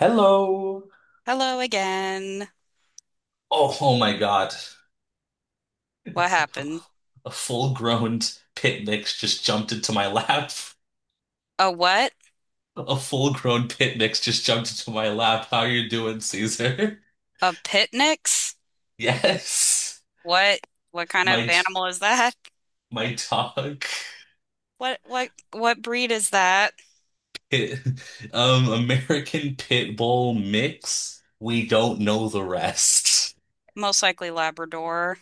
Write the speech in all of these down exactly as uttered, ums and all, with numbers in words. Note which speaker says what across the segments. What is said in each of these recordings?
Speaker 1: Hello.
Speaker 2: Hello again.
Speaker 1: Oh, oh my God.
Speaker 2: What happened?
Speaker 1: A full-grown pit mix just jumped into my lap.
Speaker 2: A what?
Speaker 1: A full-grown pit mix just jumped into my lap. How you doing, Caesar?
Speaker 2: A pitnix?
Speaker 1: Yes.
Speaker 2: What what kind of
Speaker 1: My
Speaker 2: animal is that?
Speaker 1: my dog.
Speaker 2: What what what breed is that?
Speaker 1: Pit- um American Pit Bull mix. We don't know the rest.
Speaker 2: Most likely Labrador,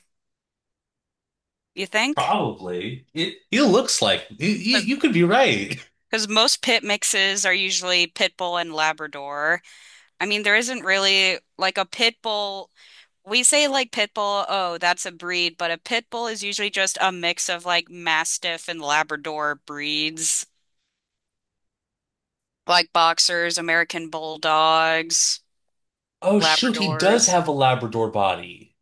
Speaker 2: you think?
Speaker 1: Probably. It He looks like you, you you could be right.
Speaker 2: Because most pit mixes are usually pit bull and Labrador. I mean, there isn't really like a pit bull. We say like pit bull, oh, that's a breed, but a pit bull is usually just a mix of like Mastiff and Labrador breeds, like boxers, American bulldogs.
Speaker 1: Oh shoot, he does
Speaker 2: Labradors.
Speaker 1: have a Labrador body.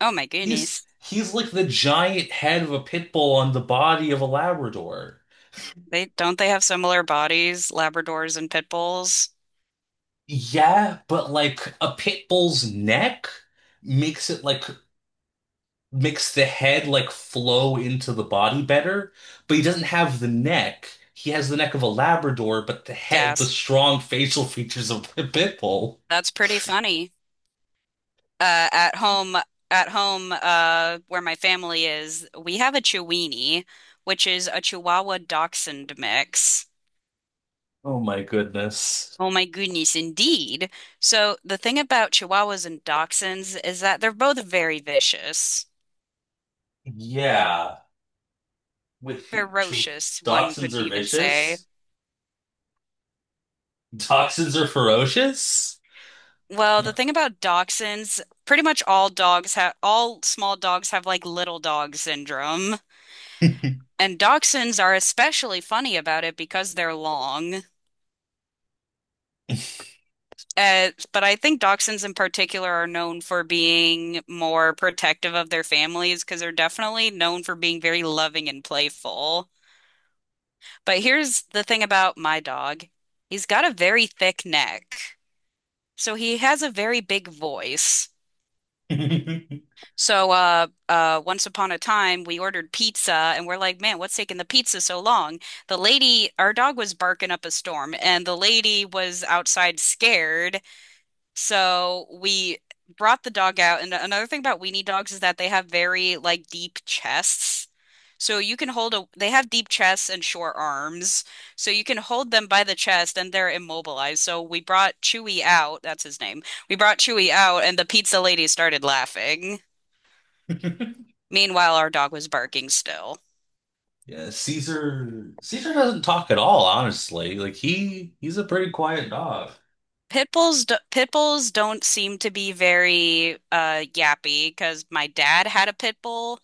Speaker 2: Oh my
Speaker 1: He's
Speaker 2: goodness.
Speaker 1: he's like the giant head of a pit bull on the body of a Labrador.
Speaker 2: They don't they have similar bodies, Labradors and pit bulls?
Speaker 1: Yeah, but like a pit bull's neck makes it like makes the head like flow into the body better, but he doesn't have the neck. He has the neck of a Labrador, but the head, the
Speaker 2: Yes.
Speaker 1: strong facial features of a pit bull.
Speaker 2: That's pretty funny. Uh, at home, at home, uh, where my family is, we have a Chiweenie, which is a Chihuahua Dachshund mix.
Speaker 1: Oh my goodness.
Speaker 2: Oh my goodness, indeed. So the thing about Chihuahuas and Dachshunds is that they're both very vicious,
Speaker 1: Yeah, with
Speaker 2: ferocious, one
Speaker 1: dachshunds
Speaker 2: could
Speaker 1: are
Speaker 2: even say.
Speaker 1: vicious. Dachshunds are ferocious.
Speaker 2: Well, the thing about dachshunds, pretty much all dogs have, all small dogs have like little dog syndrome. And dachshunds are especially funny about it because they're long. Uh, but I think dachshunds in particular are known for being more protective of their families because they're definitely known for being very loving and playful. But here's the thing about my dog. He's got a very thick neck. So he has a very big voice. So uh uh once upon a time we ordered pizza and we're like, man, what's taking the pizza so long? The lady, our dog was barking up a storm and the lady was outside scared. So we brought the dog out. And another thing about weenie dogs is that they have very like deep chests. So you can hold a, they have deep chests and short arms. So you can hold them by the chest and they're immobilized. So we brought Chewy out, that's his name. We brought Chewy out and the pizza lady started laughing. Meanwhile, our dog was barking still.
Speaker 1: Yeah, Caesar Caesar doesn't talk at all, honestly. Like he he's a pretty quiet dog.
Speaker 2: Pit bulls, do pit bulls don't seem to be very uh yappy because my dad had a pit bull.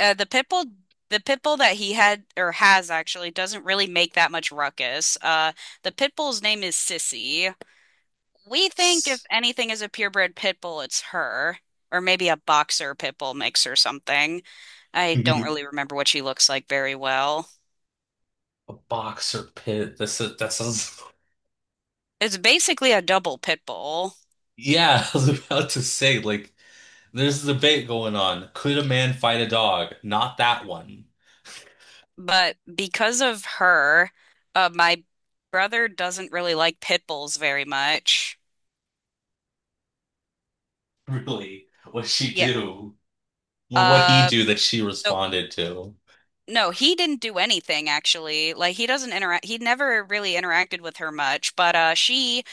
Speaker 2: Uh, the pit bull, the pit bull that he had or has actually doesn't really make that much ruckus. Uh, the pit bull's name is Sissy. We think if
Speaker 1: S-
Speaker 2: anything is a purebred pit bull, it's her, or maybe a boxer pit bull mix or something.
Speaker 1: A
Speaker 2: I don't really remember what she looks like very well.
Speaker 1: boxer pit. That's a, that sounds.
Speaker 2: It's basically a double pit bull.
Speaker 1: Yeah, I was about to say, like, there's a debate going on. Could a man fight a dog? Not that one.
Speaker 2: But because of her, uh, my brother doesn't really like pit bulls very much.
Speaker 1: Really, what she
Speaker 2: Yeah.
Speaker 1: do or what he
Speaker 2: Uh,
Speaker 1: do that she
Speaker 2: so
Speaker 1: responded to.
Speaker 2: no, he didn't do anything actually. Like he doesn't interact. He never really interacted with her much. But uh, she,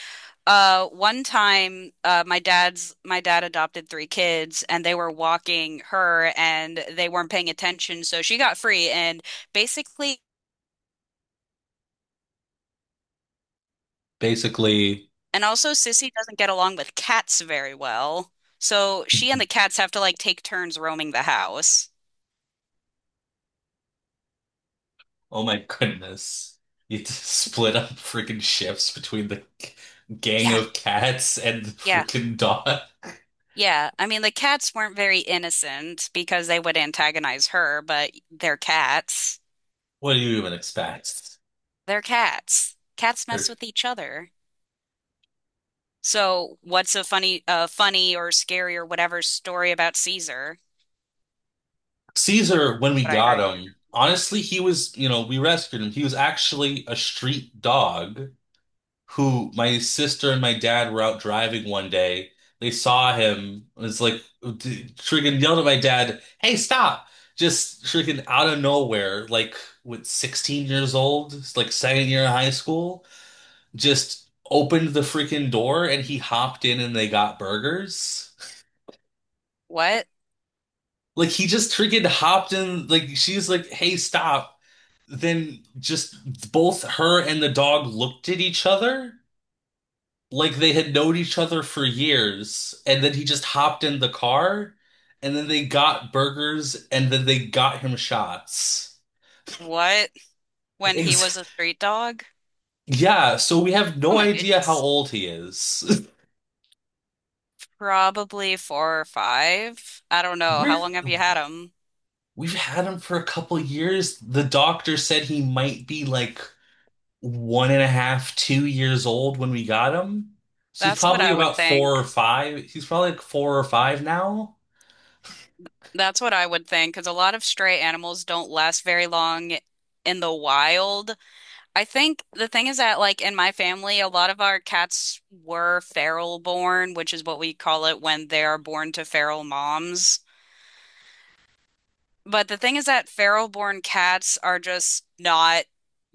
Speaker 2: uh, one time, uh, my dad's my dad adopted three kids, and they were walking her, and they weren't paying attention, so she got free, and basically.
Speaker 1: Basically.
Speaker 2: And also, Sissy doesn't get along with cats very well. So she and the cats have to like take turns roaming the house.
Speaker 1: Oh my goodness. You had to split up freaking shifts between the g- gang
Speaker 2: Yeah,
Speaker 1: of cats and the
Speaker 2: yeah,
Speaker 1: freaking dog.
Speaker 2: yeah. I mean, the cats weren't very innocent because they would antagonize her, but they're cats.
Speaker 1: What do you even expect?
Speaker 2: They're cats. Cats mess
Speaker 1: Like,
Speaker 2: with each other. So what's a funny, uh, funny or scary or whatever story about Caesar? Which
Speaker 1: Caesar,
Speaker 2: is
Speaker 1: when we
Speaker 2: what I
Speaker 1: got
Speaker 2: heard.
Speaker 1: him, honestly, he was, you know, we rescued him. He was actually a street dog. Who My sister and my dad were out driving one day. They saw him. It was like, d- freaking yelled at my dad, "Hey, stop!" Just freaking out of nowhere, like with sixteen years old, it's like second year of high school, just opened the freaking door and he hopped in and they got burgers.
Speaker 2: What?
Speaker 1: Like he just freaking hopped in. Like she's like, "Hey, stop!" Then just both her and the dog looked at each other like they had known each other for years, and then he just hopped in the car, and then they got burgers, and then they got him shots.
Speaker 2: What? When he was
Speaker 1: Ex
Speaker 2: a street dog?
Speaker 1: Yeah, so we have
Speaker 2: Oh
Speaker 1: no
Speaker 2: my
Speaker 1: idea how
Speaker 2: goodness.
Speaker 1: old he is.
Speaker 2: Probably four or five. I don't know. How
Speaker 1: We're
Speaker 2: long have you had them?
Speaker 1: we've had him for a couple years. The doctor said he might be like one and a half, two years old when we got him. So he's
Speaker 2: That's what
Speaker 1: probably
Speaker 2: I would
Speaker 1: about four
Speaker 2: think.
Speaker 1: or five. He's probably like four or five now.
Speaker 2: That's what I would think, because a lot of stray animals don't last very long in the wild. I think the thing is that, like, in my family, a lot of our cats were feral born, which is what we call it when they are born to feral moms. But the thing is that feral-born cats are just not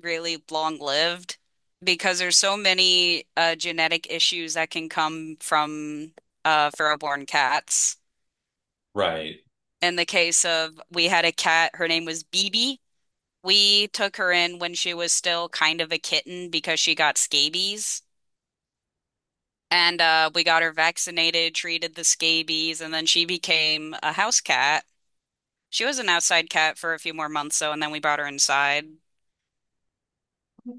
Speaker 2: really long-lived because there's so many uh, genetic issues that can come from uh, feral-born cats.
Speaker 1: Right.
Speaker 2: In the case of, we had a cat, her name was Bibi. We took her in when she was still kind of a kitten because she got scabies. And uh, we got her vaccinated, treated the scabies, and then she became a house cat. She was an outside cat for a few more months, though, and then we brought her inside.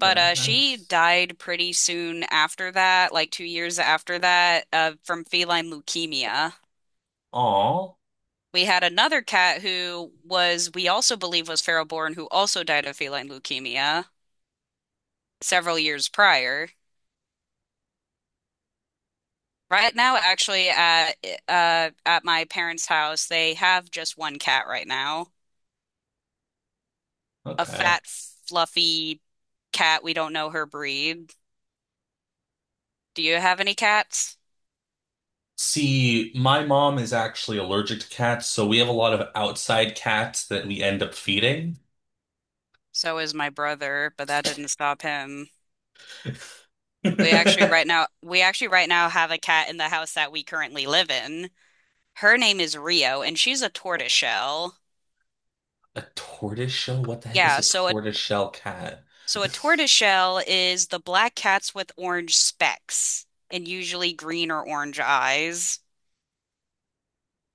Speaker 2: But uh, she
Speaker 1: Nice.
Speaker 2: died pretty soon after that, like two years after that, uh, from feline leukemia.
Speaker 1: Aw.
Speaker 2: We had another cat who was, we also believe was feral born, who also died of feline leukemia several years prior. Right now, actually, at uh, at my parents' house, they have just one cat right now, a
Speaker 1: Okay.
Speaker 2: fat, fluffy cat. We don't know her breed. Do you have any cats?
Speaker 1: See, my mom is actually allergic to cats, so we have a lot of outside cats that we end up feeding.
Speaker 2: So is my brother, but that didn't stop him. We actually
Speaker 1: A
Speaker 2: right now we actually right now have a cat in the house that we currently live in. Her name is Rio, and she's a tortoiseshell.
Speaker 1: tortoise shell? What the heck is
Speaker 2: Yeah,
Speaker 1: a
Speaker 2: so a
Speaker 1: tortoise shell cat?
Speaker 2: so a tortoiseshell is the black cats with orange specks and usually green or orange eyes.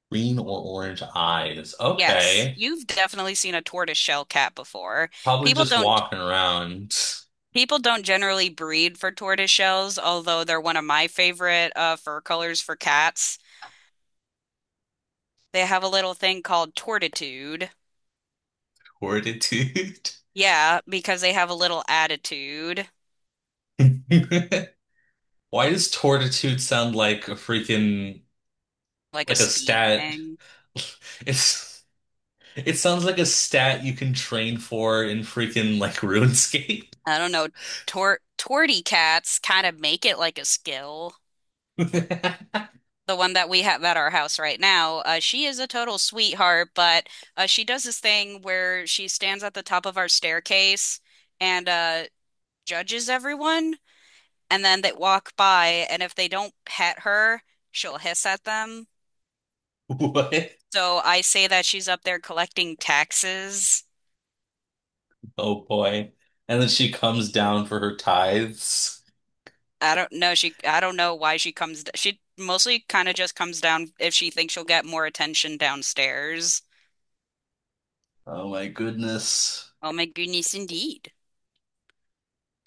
Speaker 1: Green or orange eyes.
Speaker 2: Yes,
Speaker 1: Okay.
Speaker 2: you've definitely seen a tortoiseshell cat before.
Speaker 1: Probably
Speaker 2: People
Speaker 1: just
Speaker 2: don't
Speaker 1: walking around.
Speaker 2: people don't generally breed for tortoiseshells, although they're one of my favorite uh, fur colors for cats. They have a little thing called tortitude.
Speaker 1: Tortitude.
Speaker 2: Yeah, because they have a little attitude,
Speaker 1: Why does tortitude sound like a freaking,
Speaker 2: like a
Speaker 1: like, a
Speaker 2: speed
Speaker 1: stat?
Speaker 2: thing.
Speaker 1: It's it sounds like a stat you can train for in freaking like RuneScape.
Speaker 2: I don't know. Tor torty cats kind of make it like a skill. The one that we have at our house right now, uh, she is a total sweetheart, but uh, she does this thing where she stands at the top of our staircase and uh, judges everyone, and then they walk by, and if they don't pet her, she'll hiss at them.
Speaker 1: What?
Speaker 2: So I say that she's up there collecting taxes.
Speaker 1: Oh boy. And then she comes down for her tithes.
Speaker 2: I don't know. She, I don't know why she comes. d- She mostly kind of just comes down if she thinks she'll get more attention downstairs.
Speaker 1: Oh my goodness.
Speaker 2: Oh my goodness, indeed.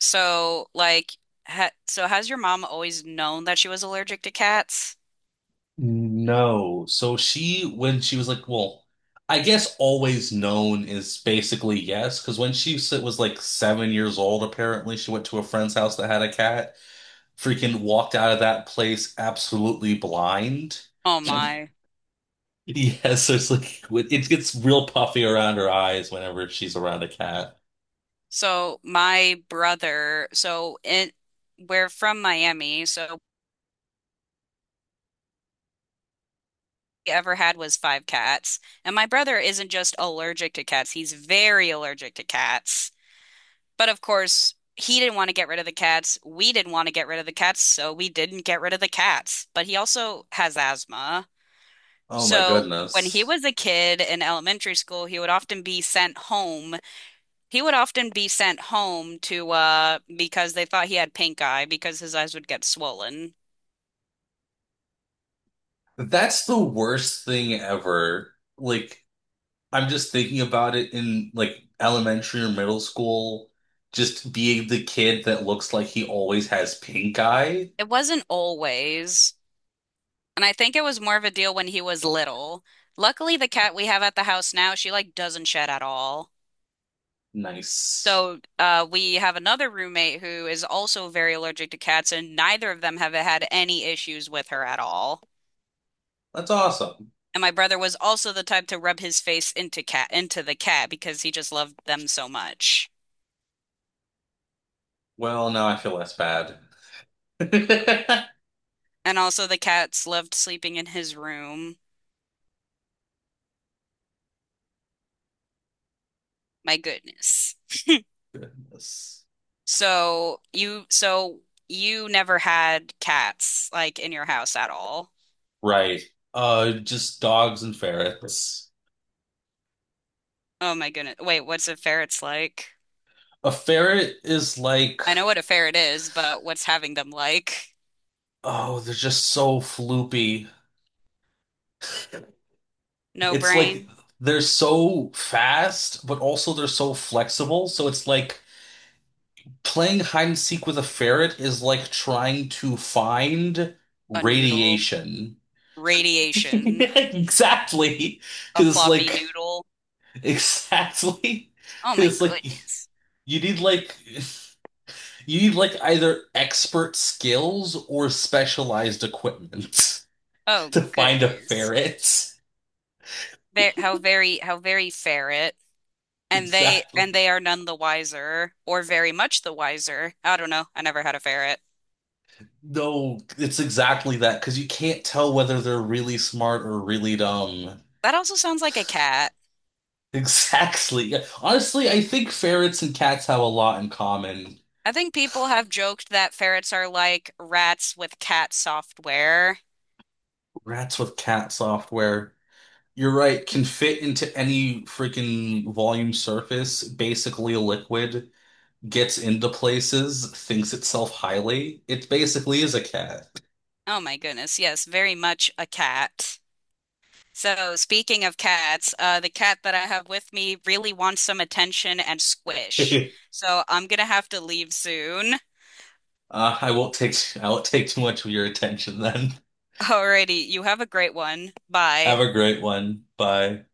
Speaker 2: So, like, ha so has your mom always known that she was allergic to cats?
Speaker 1: No. So she, when she was like, well, I guess always known is basically yes, because when she s- was like seven years old, apparently she went to a friend's house that had a cat, freaking walked out of that place absolutely blind.
Speaker 2: Oh my.
Speaker 1: Yes, so it's like it gets real puffy around her eyes whenever she's around a cat.
Speaker 2: So my brother, so in we're from Miami, so what we ever had was five cats. And my brother isn't just allergic to cats, he's very allergic to cats. But of course, he didn't want to get rid of the cats. We didn't want to get rid of the cats, so we didn't get rid of the cats. But he also has asthma.
Speaker 1: Oh my
Speaker 2: So when he
Speaker 1: goodness.
Speaker 2: was a kid in elementary school, he would often be sent home. He would often be sent home to uh because they thought he had pink eye because his eyes would get swollen.
Speaker 1: That's the worst thing ever. Like, I'm just thinking about it in like elementary or middle school, just being the kid that looks like he always has pink eye.
Speaker 2: It wasn't always, and I think it was more of a deal when he was little. Luckily, the cat we have at the house now, she like doesn't shed at all.
Speaker 1: Nice.
Speaker 2: So, uh, we have another roommate who is also very allergic to cats, and neither of them have had any issues with her at all.
Speaker 1: That's awesome.
Speaker 2: And my brother was also the type to rub his face into cat into the cat because he just loved them so much.
Speaker 1: Well, now I feel less bad.
Speaker 2: And also the cats loved sleeping in his room. My goodness.
Speaker 1: Yes.
Speaker 2: So you so you never had cats like in your house at all.
Speaker 1: Right. Uh, just dogs and ferrets.
Speaker 2: Oh my goodness. Wait, what's a ferret's like?
Speaker 1: A ferret is like,
Speaker 2: I know what a ferret is, but what's having them like?
Speaker 1: oh, they're just so floopy.
Speaker 2: No
Speaker 1: It's like
Speaker 2: brain?
Speaker 1: they're so fast, but also they're so flexible. So it's like playing hide and seek with a ferret is like trying to find
Speaker 2: A noodle,
Speaker 1: radiation.
Speaker 2: radiation,
Speaker 1: Exactly.
Speaker 2: a
Speaker 1: Because it's
Speaker 2: floppy
Speaker 1: like,
Speaker 2: noodle.
Speaker 1: exactly.
Speaker 2: Oh
Speaker 1: Because
Speaker 2: my
Speaker 1: it's like,
Speaker 2: goodness.
Speaker 1: you need like, you need like either expert skills or specialized equipment
Speaker 2: Oh
Speaker 1: to find a
Speaker 2: goodness.
Speaker 1: ferret.
Speaker 2: There, how very, how very ferret. And they and
Speaker 1: Exactly.
Speaker 2: they are none the wiser, or very much the wiser. I don't know. I never had a ferret.
Speaker 1: No, it's exactly that because you can't tell whether they're really smart or really dumb.
Speaker 2: That also sounds like a cat.
Speaker 1: Exactly. Yeah. Honestly, I think ferrets and cats have a lot in common.
Speaker 2: I think people have joked that ferrets are like rats with cat software.
Speaker 1: Rats with cat software, you're right, can fit into any freaking volume surface, basically a liquid, gets into places, thinks itself highly. It basically is a cat.
Speaker 2: Oh my goodness. Yes, very much a cat. So, speaking of cats, uh, the cat that I have with me really wants some attention and squish. So, I'm gonna have to leave soon.
Speaker 1: Uh, I won't take I won't take too much of your attention then.
Speaker 2: Alrighty, you have a great one.
Speaker 1: Have
Speaker 2: Bye.
Speaker 1: a great one. Bye.